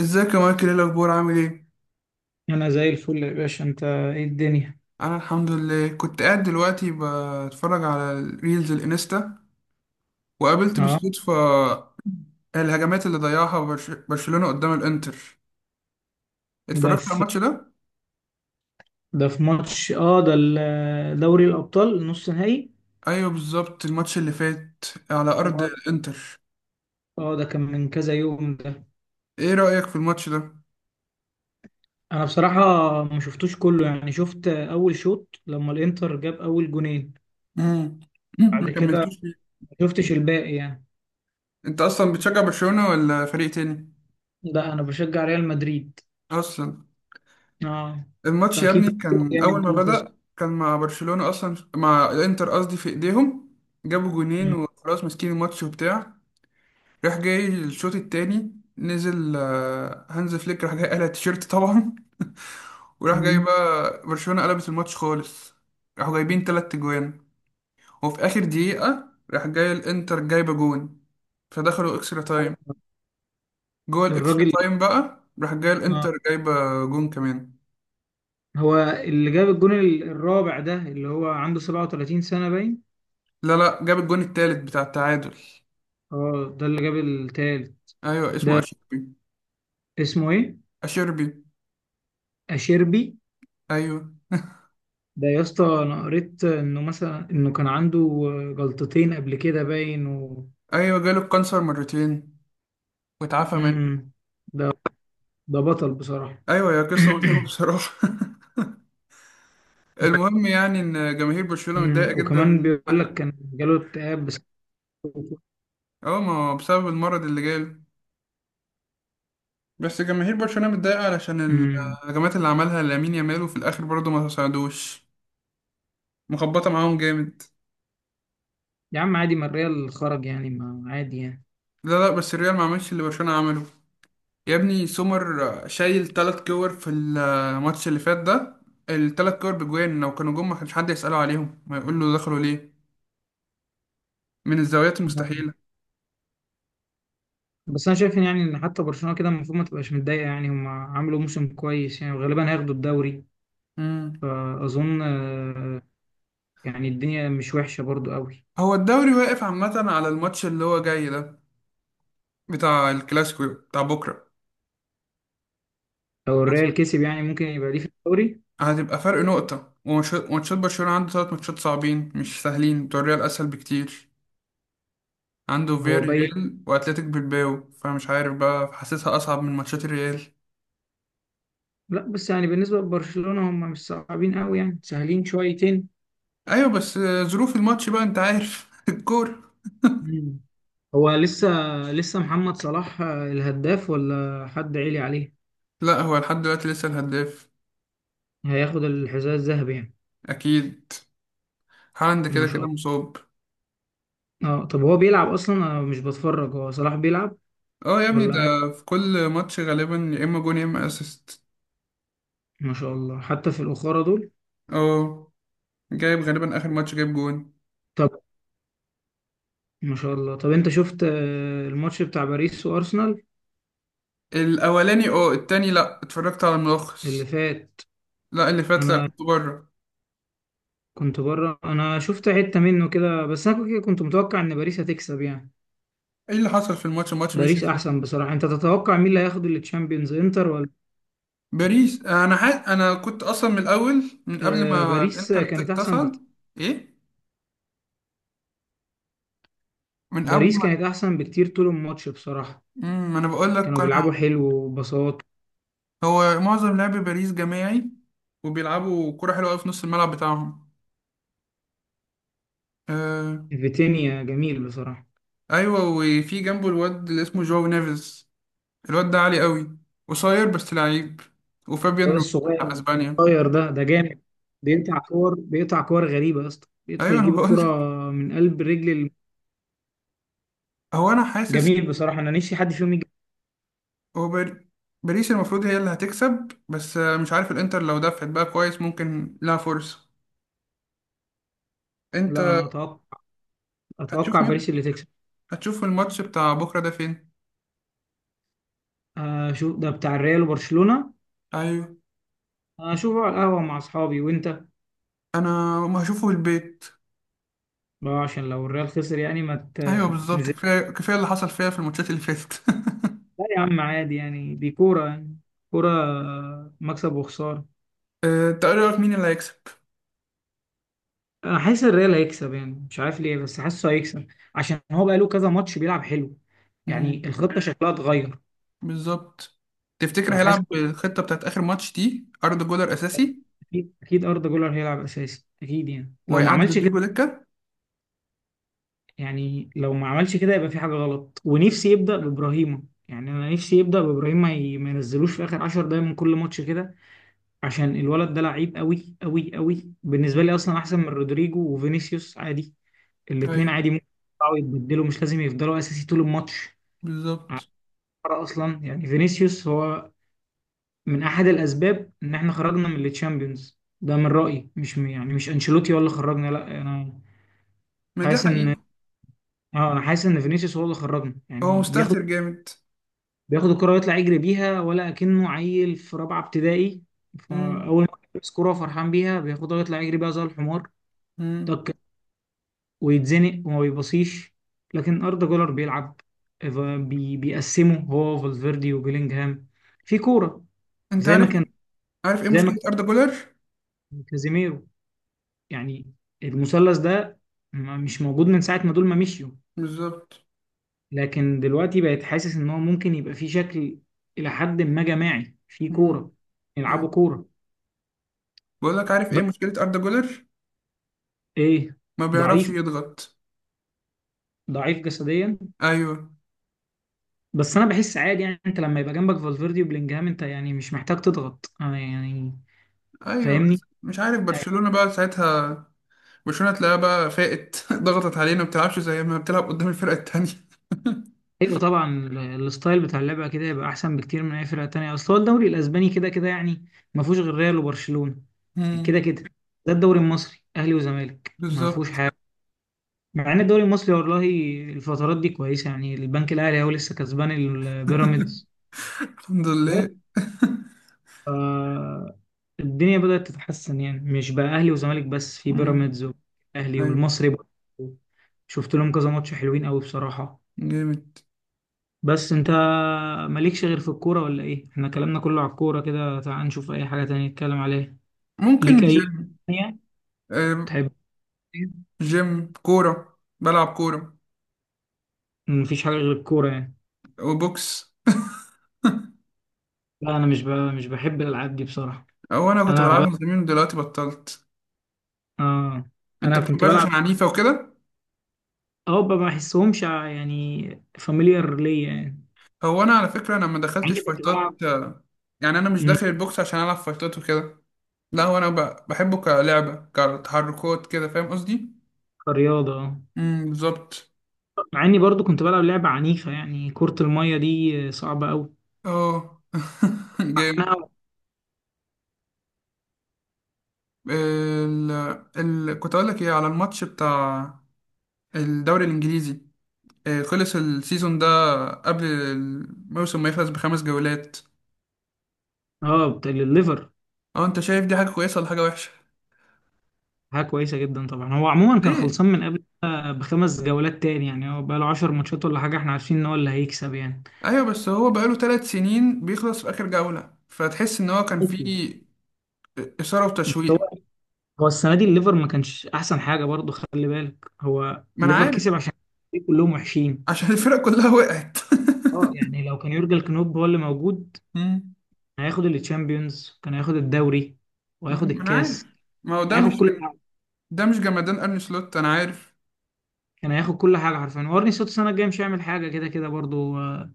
ازيك يا مايكل؟ ايه الاخبار؟ عامل ايه؟ انا زي الفل يا باشا، انت ايه الدنيا؟ انا الحمد لله. كنت قاعد دلوقتي بتفرج على الريلز الانستا وقابلت اه بالصدفه الهجمات اللي ضيعها برشلونه قدام الانتر. ده اتفرجت على في الماتش ده. ده في ماتش، ده دوري الابطال نص نهائي. ايوه بالظبط، الماتش اللي فات على ارض اه ده الانتر. اه، ده كان من كذا يوم ده. ايه رايك في الماتش ده؟ انا بصراحه ما شفتوش كله، يعني شفت اول شوط لما الانتر جاب اول جونين. امم ما بعد كده كملتوش ليه؟ ما شفتش الباقي يعني. انت اصلا بتشجع برشلونه ولا فريق تاني؟ لا، انا بشجع ريال مدريد. اصلا اه. الماتش يا فاكيد ابني كان اول يعني ما ما خسر. بدأ كان مع برشلونة، اصلا مع الانتر قصدي، في ايديهم. جابوا جونين مم. وخلاص، ماسكين الماتش وبتاع. راح جاي الشوط التاني، نزل هانز فليك، راح جاي قلع التيشيرت طبعا. وراح جاي مم. بقى برشلونة قلبت الماتش خالص، راحوا جايبين تلات جوان. وفي اخر دقيقة راح جاي الانتر جايبة جون، فدخلوا اكسترا تايم. جوه الاكسترا الراجل، تايم بقى راح جاي آه. الانتر جايبة جون كمان. هو اللي جاب الجون الرابع ده، اللي هو عنده 37 سنة باين. لا لا، جاب الجون التالت بتاع التعادل. اه، ده اللي جاب التالت. ايوه اسمه ده اشيربي. اسمه ايه؟ اشيربي. اشيربي. ايوه. ده يا اسطى انا قريت انه مثلا، انه كان عنده جلطتين قبل كده باين ايوه جاله الكانسر مرتين واتعافى منه. مم. ده ده بطل بصراحة. ايوه، يا قصه مؤلمه بصراحه. المهم يعني ان جماهير برشلونه مم. متضايقه وكمان جدا. بيقول لك كان جاله اكتئاب بس. اه ما هو بسبب المرض اللي جاله. بس جماهير برشلونه متضايقه علشان مم. الهجمات اللي عملها لامين يامال وفي الاخر برضه ما ساعدوش، مخبطه معاهم جامد. يا عم عادي، ما الريال خرج يعني، ما عادي يعني. لا لا، بس الريال ما عملش اللي برشلونه عمله. يا ابني سومر شايل تلات كور في الماتش اللي فات ده، التلات كور بجوان، لو كانوا جم ما كانش حد يسأله عليهم، ما يقول له دخلوا ليه من الزاويات مم. المستحيلة. بس انا شايف إن، يعني ان حتى برشلونة كده المفروض ما تبقاش متضايقة، يعني هم عملوا موسم كويس يعني، وغالبا هياخدوا الدوري. مم. فاظن، يعني الدنيا مش وحشة برضو قوي. هو الدوري واقف عامة على الماتش اللي هو جاي ده، بتاع الكلاسيكو بتاع بكرة. لو الريال كسب يعني ممكن يبقى ليه في الدوري. هتبقى فرق نقطة وماتشات برشلونة عنده تلات ماتشات صعبين مش سهلين، بتوع الريال أسهل بكتير. عنده هو بايت. فياريال وأتلتيك بالباو، فمش عارف بقى، حاسسها أصعب من ماتشات الريال. لا، بس يعني بالنسبة لبرشلونة هم مش صعبين قوي يعني، سهلين شويتين. أيوة بس ظروف الماتش بقى أنت عارف الكورة. مم. هو لسه لسه محمد صلاح الهداف ولا حد عالي عليه؟ لا هو لحد دلوقتي لسه الهداف. هياخد الحذاء الذهبي يعني. اكيد. هالاند كده ما شاء كده الله. مصاب. اه، طب هو بيلعب اصلا؟ انا مش بتفرج. هو صلاح بيلعب اه يا ابني ولا قاعد؟ ده في كل ماتش غالبا يا اما جون يا اما اسيست. ما شاء الله، حتى في الأخرى دول. اه جايب غالبا، اخر ماتش جايب جون. طب ما شاء الله، طب انت شفت الماتش بتاع باريس وارسنال الاولاني اه، التاني لا اتفرجت على اللي الملخص. فات؟ لا اللي فات لا، انا كنت بره. كنت بره، انا شفت حتة منه كده بس، انا كده كنت متوقع ان باريس هتكسب يعني. ايه اللي حصل في الماتش؟ الماتش مشي باريس ازاي؟ احسن بصراحة. انت تتوقع مين اللي هياخد التشامبيونز، انتر ولا باريس؟ باريس. انا حاسس، انا كنت اصلا من الاول، من قبل آه، ما باريس الانتر كانت احسن تصعد. بكتير. ايه؟ من قبل باريس ما كانت احسن بكتير طول الماتش بصراحة. ما انا بقول كانوا لك انا. بيلعبوا حلو وبساط. هو معظم لعب باريس جماعي وبيلعبوا كرة حلوة أوي في نص الملعب بتاعهم. آه. فيتينيا جميل بصراحة. أيوة وفي جنبه الواد اللي اسمه جواو نيفيز، الواد ده عالي أوي، قصير بس لعيب. وفابيان الواد رو بتاع الصغير، أسبانيا. الصغير ده جامد. بيقطع كور، بيقطع كور غريبة يا اسطى، بيدخل أيوة أنا يجيب الكرة بقولك. من قلب رجل هو أنا حاسس إن جميل بصراحة. انا نفسي حد فيهم يجي. هو باريس المفروض هي اللي هتكسب، بس مش عارف الإنتر لو دفعت بقى كويس ممكن لها فرصة. أنت لا، انا هتشوف اتوقع باريس اللي تكسب. هتشوف الماتش بتاع بكرة ده فين؟ اشوف ده بتاع الريال وبرشلونة. أيوة، اشوفه على القهوة مع اصحابي. وانت؟ أنا ما هشوفه في البيت. عشان لو الريال خسر يعني ما ايوه تبقاش بالظبط، نزلت. كفايه كفايه اللي حصل فيها في الماتشات اللي فاتت. لا يا عم، عادي يعني، دي كورة يعني. كورة، مكسب وخسارة. انت ايه رايك؟ مين اللي هيكسب؟ انا حاسس الريال هيكسب يعني، مش عارف ليه بس حاسه هيكسب، عشان هو بقاله كذا ماتش بيلعب حلو، يعني مم، الخطة شكلها اتغير. بالظبط. تفتكر فحاسس، هيلعب بالخطه بتاعت اخر ماتش دي؟ اردا جولر اساسي اكيد أكيد اردا جولر هيلعب اساسي اكيد، يعني لو ما وهيقعد عملش كده، رودريجو دكه. يعني لو ما عملش كده يبقى في حاجة غلط. ونفسي يبدأ بإبراهيمة، يعني أنا نفسي يبدأ بإبراهيم، ما ينزلوش في آخر 10 دقايق من كل ماتش كده، عشان الولد ده لعيب قوي قوي قوي بالنسبة مم، لي، أصلا أحسن من رودريجو وفينيسيوس عادي. الاتنين ايوه عادي ممكن يطلعوا يتبدلوا، مش لازم يفضلوا أساسي طول الماتش. على بالظبط. فكرة أصلا، يعني فينيسيوس هو من أحد الأسباب إن إحنا خرجنا من التشامبيونز ده من رأيي، مش يعني مش أنشيلوتي هو اللي خرجنا، لا، أنا ما ده حاسس حقيقي. إن، اه انا حاسس ان فينيسيوس هو اللي خرجنا، هو يعني مستهتر جامد. بياخد الكرة ويطلع يجري بيها ولا أكنه عيل في رابعة ابتدائي. مم، فأول ما يلبس كرة فرحان بيها بياخدها ويطلع يجري بيها زي الحمار. مم. طك، ويتزنق وما بيبصيش. لكن أردا جولر بيلعب، ف- بي بيقسمه هو فالفيردي وبيلينجهام في كورة، انت زي ما عارف، كان عارف ايه زي مشكله ما اردا جولر؟ كان كازيميرو، يعني المثلث ده مش موجود من ساعة ما دول ما مشيوا. بالظبط. لكن دلوقتي بقيت حاسس إن هو ممكن يبقى في شكل إلى حد ما جماعي في مم، كورة، أيوة. يلعبوا كورة. بقول لك، عارف ايه مشكله اردا جولر؟ ايه؟ ما بيعرفش ضعيف، يضغط. ضعيف جسديا. ايوه. بس انا بحس عادي يعني، انت لما يبقى جنبك فالفيردي وبلينجهام انت يعني مش محتاج تضغط يعني. ايوه فاهمني. مش عارف برشلونه بقى ساعتها، برشلونة تلاقيها بقى فاقت ضغطت علينا، ما بتلعبش زي ما بتلعب قدام الفرقة التانية. ايوه طبعا، الستايل بتاع اللعبه كده يبقى احسن بكتير من اي فرقه تانية، اصل هو الدوري الاسباني كده كده يعني، ما فيهوش غير ريال وبرشلونه. مم. كده كده، ده الدوري المصري اهلي وزمالك ما فيهوش بالظبط. حاجه. مع ان الدوري المصري والله الفترات دي كويسه، يعني البنك الاهلي هو لسه كسبان البيراميدز. الحمد لله. آه، الدنيا بدأت تتحسن، يعني مش بقى أهلي وزمالك بس، في مم. بيراميدز والأهلي ايوه. والمصري برضه. شفت لهم كذا ماتش حلوين قوي بصراحة. جامد. بس انت مالكش غير في الكورة ولا ايه؟ احنا كلامنا كله على الكورة كده، تعال نشوف اي حاجة تانية نتكلم عليها. ليك ممكن اي جيم. تانية آه، تحب؟ جيم كورة، بلعب كورة مفيش حاجة غير الكورة يعني. وبوكس. لا، انا مش بحب الالعاب دي بصراحة. هو انا كنت انا ب... بلعبها زمان ودلوقتي بطلت. آه. انت انا كنت بتحبهاش عشان بلعب، عنيفة وكده. ما بحسهمش يعني، فاميليار ليا يعني. هو انا على فكرة انا ما مع دخلتش اني كنت بلعب. فايتات، يعني انا مش مم. داخل البوكس عشان العب فايتات وكده. لا هو انا بحبه كلعبة كتحركات كده، فاهم قصدي؟ كرياضة، آه. بالظبط. مع اني برضو كنت بلعب لعبة عنيفة يعني، كرة المية دي صعبة قوي. اه. جامد. عنها. ال... كنت اقول لك ايه على الماتش بتاع الدوري الانجليزي، خلص السيزون ده قبل الموسم ما يخلص ب5 جولات. اه، بتاع الليفر. اه انت شايف دي حاجة كويسة ولا حاجة وحشة؟ حاجة كويسة جدا طبعا. هو عموما كان ليه؟ خلصان من قبل ده بخمس جولات تاني، يعني هو بقى له 10 ماتشات ولا حاجة، احنا عارفين ان هو اللي هيكسب يعني. ايوه بس هو بقاله 3 سنين بيخلص في اخر جولة فتحس ان هو كان أوكي. فيه اثارة وتشويق. هو هو السنة دي الليفر ما كانش احسن حاجة برضو، خلي بالك هو ما انا الليفر عارف، كسب عشان كلهم وحشين. عشان الفرق كلها وقعت. اه، يعني لو كان يورجن كلوب هو اللي موجود مم. كان هياخد التشامبيونز، كان هياخد الدوري وهياخد مم. ما انا الكاس. عارف. ما هو كان ده مش هياخد كل ده مش جمدان ارني سلوت انا عارف. كان هياخد كل حاجه حرفيا، وارني سلوت السنه الجايه مش هيعمل حاجه كده كده برضو.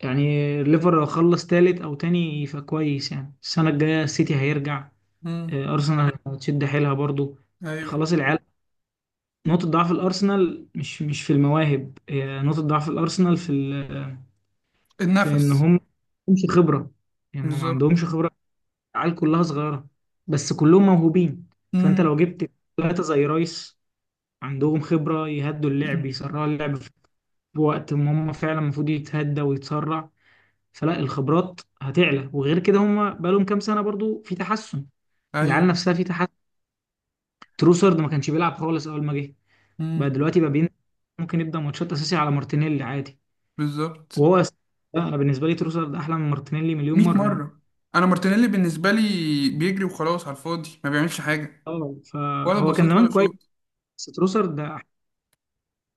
يعني الليفر لو خلص تالت او تاني فكويس، يعني السنه الجايه السيتي هيرجع. مم. ارسنال هتشد حيلها برضو. ايوه. خلاص العيال، نقطه ضعف الارسنال مش في المواهب، هي نقطه ضعف الارسنال في في ان النفس. هم ما عندهمش خبره، يعني ما بالظبط. عندهمش خبره. العيال كلها صغيره، بس كلهم موهوبين. فانت مم. لو جبت ثلاثه زي رايس عندهم خبره يهدوا اللعب، يسرعوا اللعب بوقت ما هم فعلا المفروض يتهدى ويتسرع، فلا الخبرات هتعلى. وغير كده هم بقالهم كام سنه برضو في تحسن، العيال ايوه. نفسها في تحسن. تروسرد ما كانش بيلعب خالص اول ما جه، بقى مم. دلوقتي بقى بين، ممكن يبدا ماتشات اساسي على مارتينيلي عادي. بالظبط. وهو لا، انا بالنسبه لي تروسرد احلى من مارتينيلي مليون 100 مره يعني. مره. انا مارتينيلي بالنسبه لي بيجري وخلاص على الفاضي، ما بيعملش حاجه، اه، ولا فهو كان بسيط زمان ولا كويس، شوط. بس تروسرد ده،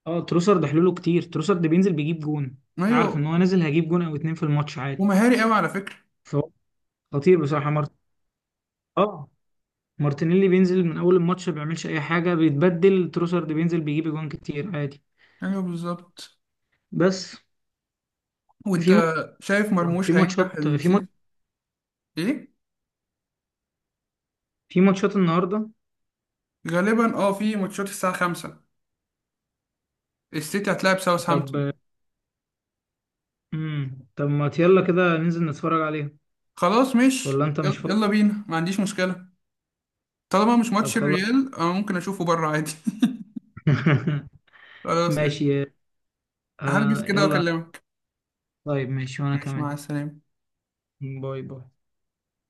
اه، تروسرد حلوله كتير. تروسرد بينزل بيجيب جون، ايوه. عارف ان هو نازل هيجيب جون او اتنين في الماتش عادي. ومهاري قوي على فكره. فهو خطير بصراحه، اه، مارتينيلي بينزل من اول الماتش ما بيعملش اي حاجه بيتبدل، تروسارد بينزل بيجيب اجوان كتير عادي. ايوه بالظبط. بس، وانت في ماتش شايف في مرموش هينجح ماتشات في ماتش السيزون؟ ايه؟ في ماتشات النهارده. غالبا اه في ماتشات الساعه 5 السيتي هتلاعب طب ساوثهامبتون. طب ما يلا كده ننزل نتفرج عليها. خلاص مش ولا انت يلا، مش فاضي؟ يلا بينا، ما عنديش مشكله. طالما مش طب ماتش خلاص. الريال انا ممكن اشوفه بره عادي. خلاص إيه. ماشي، هلبس آه، كده يلا. واكلمك. طيب ماشي، وانا ماشي مع كمان. السلامه. باي باي.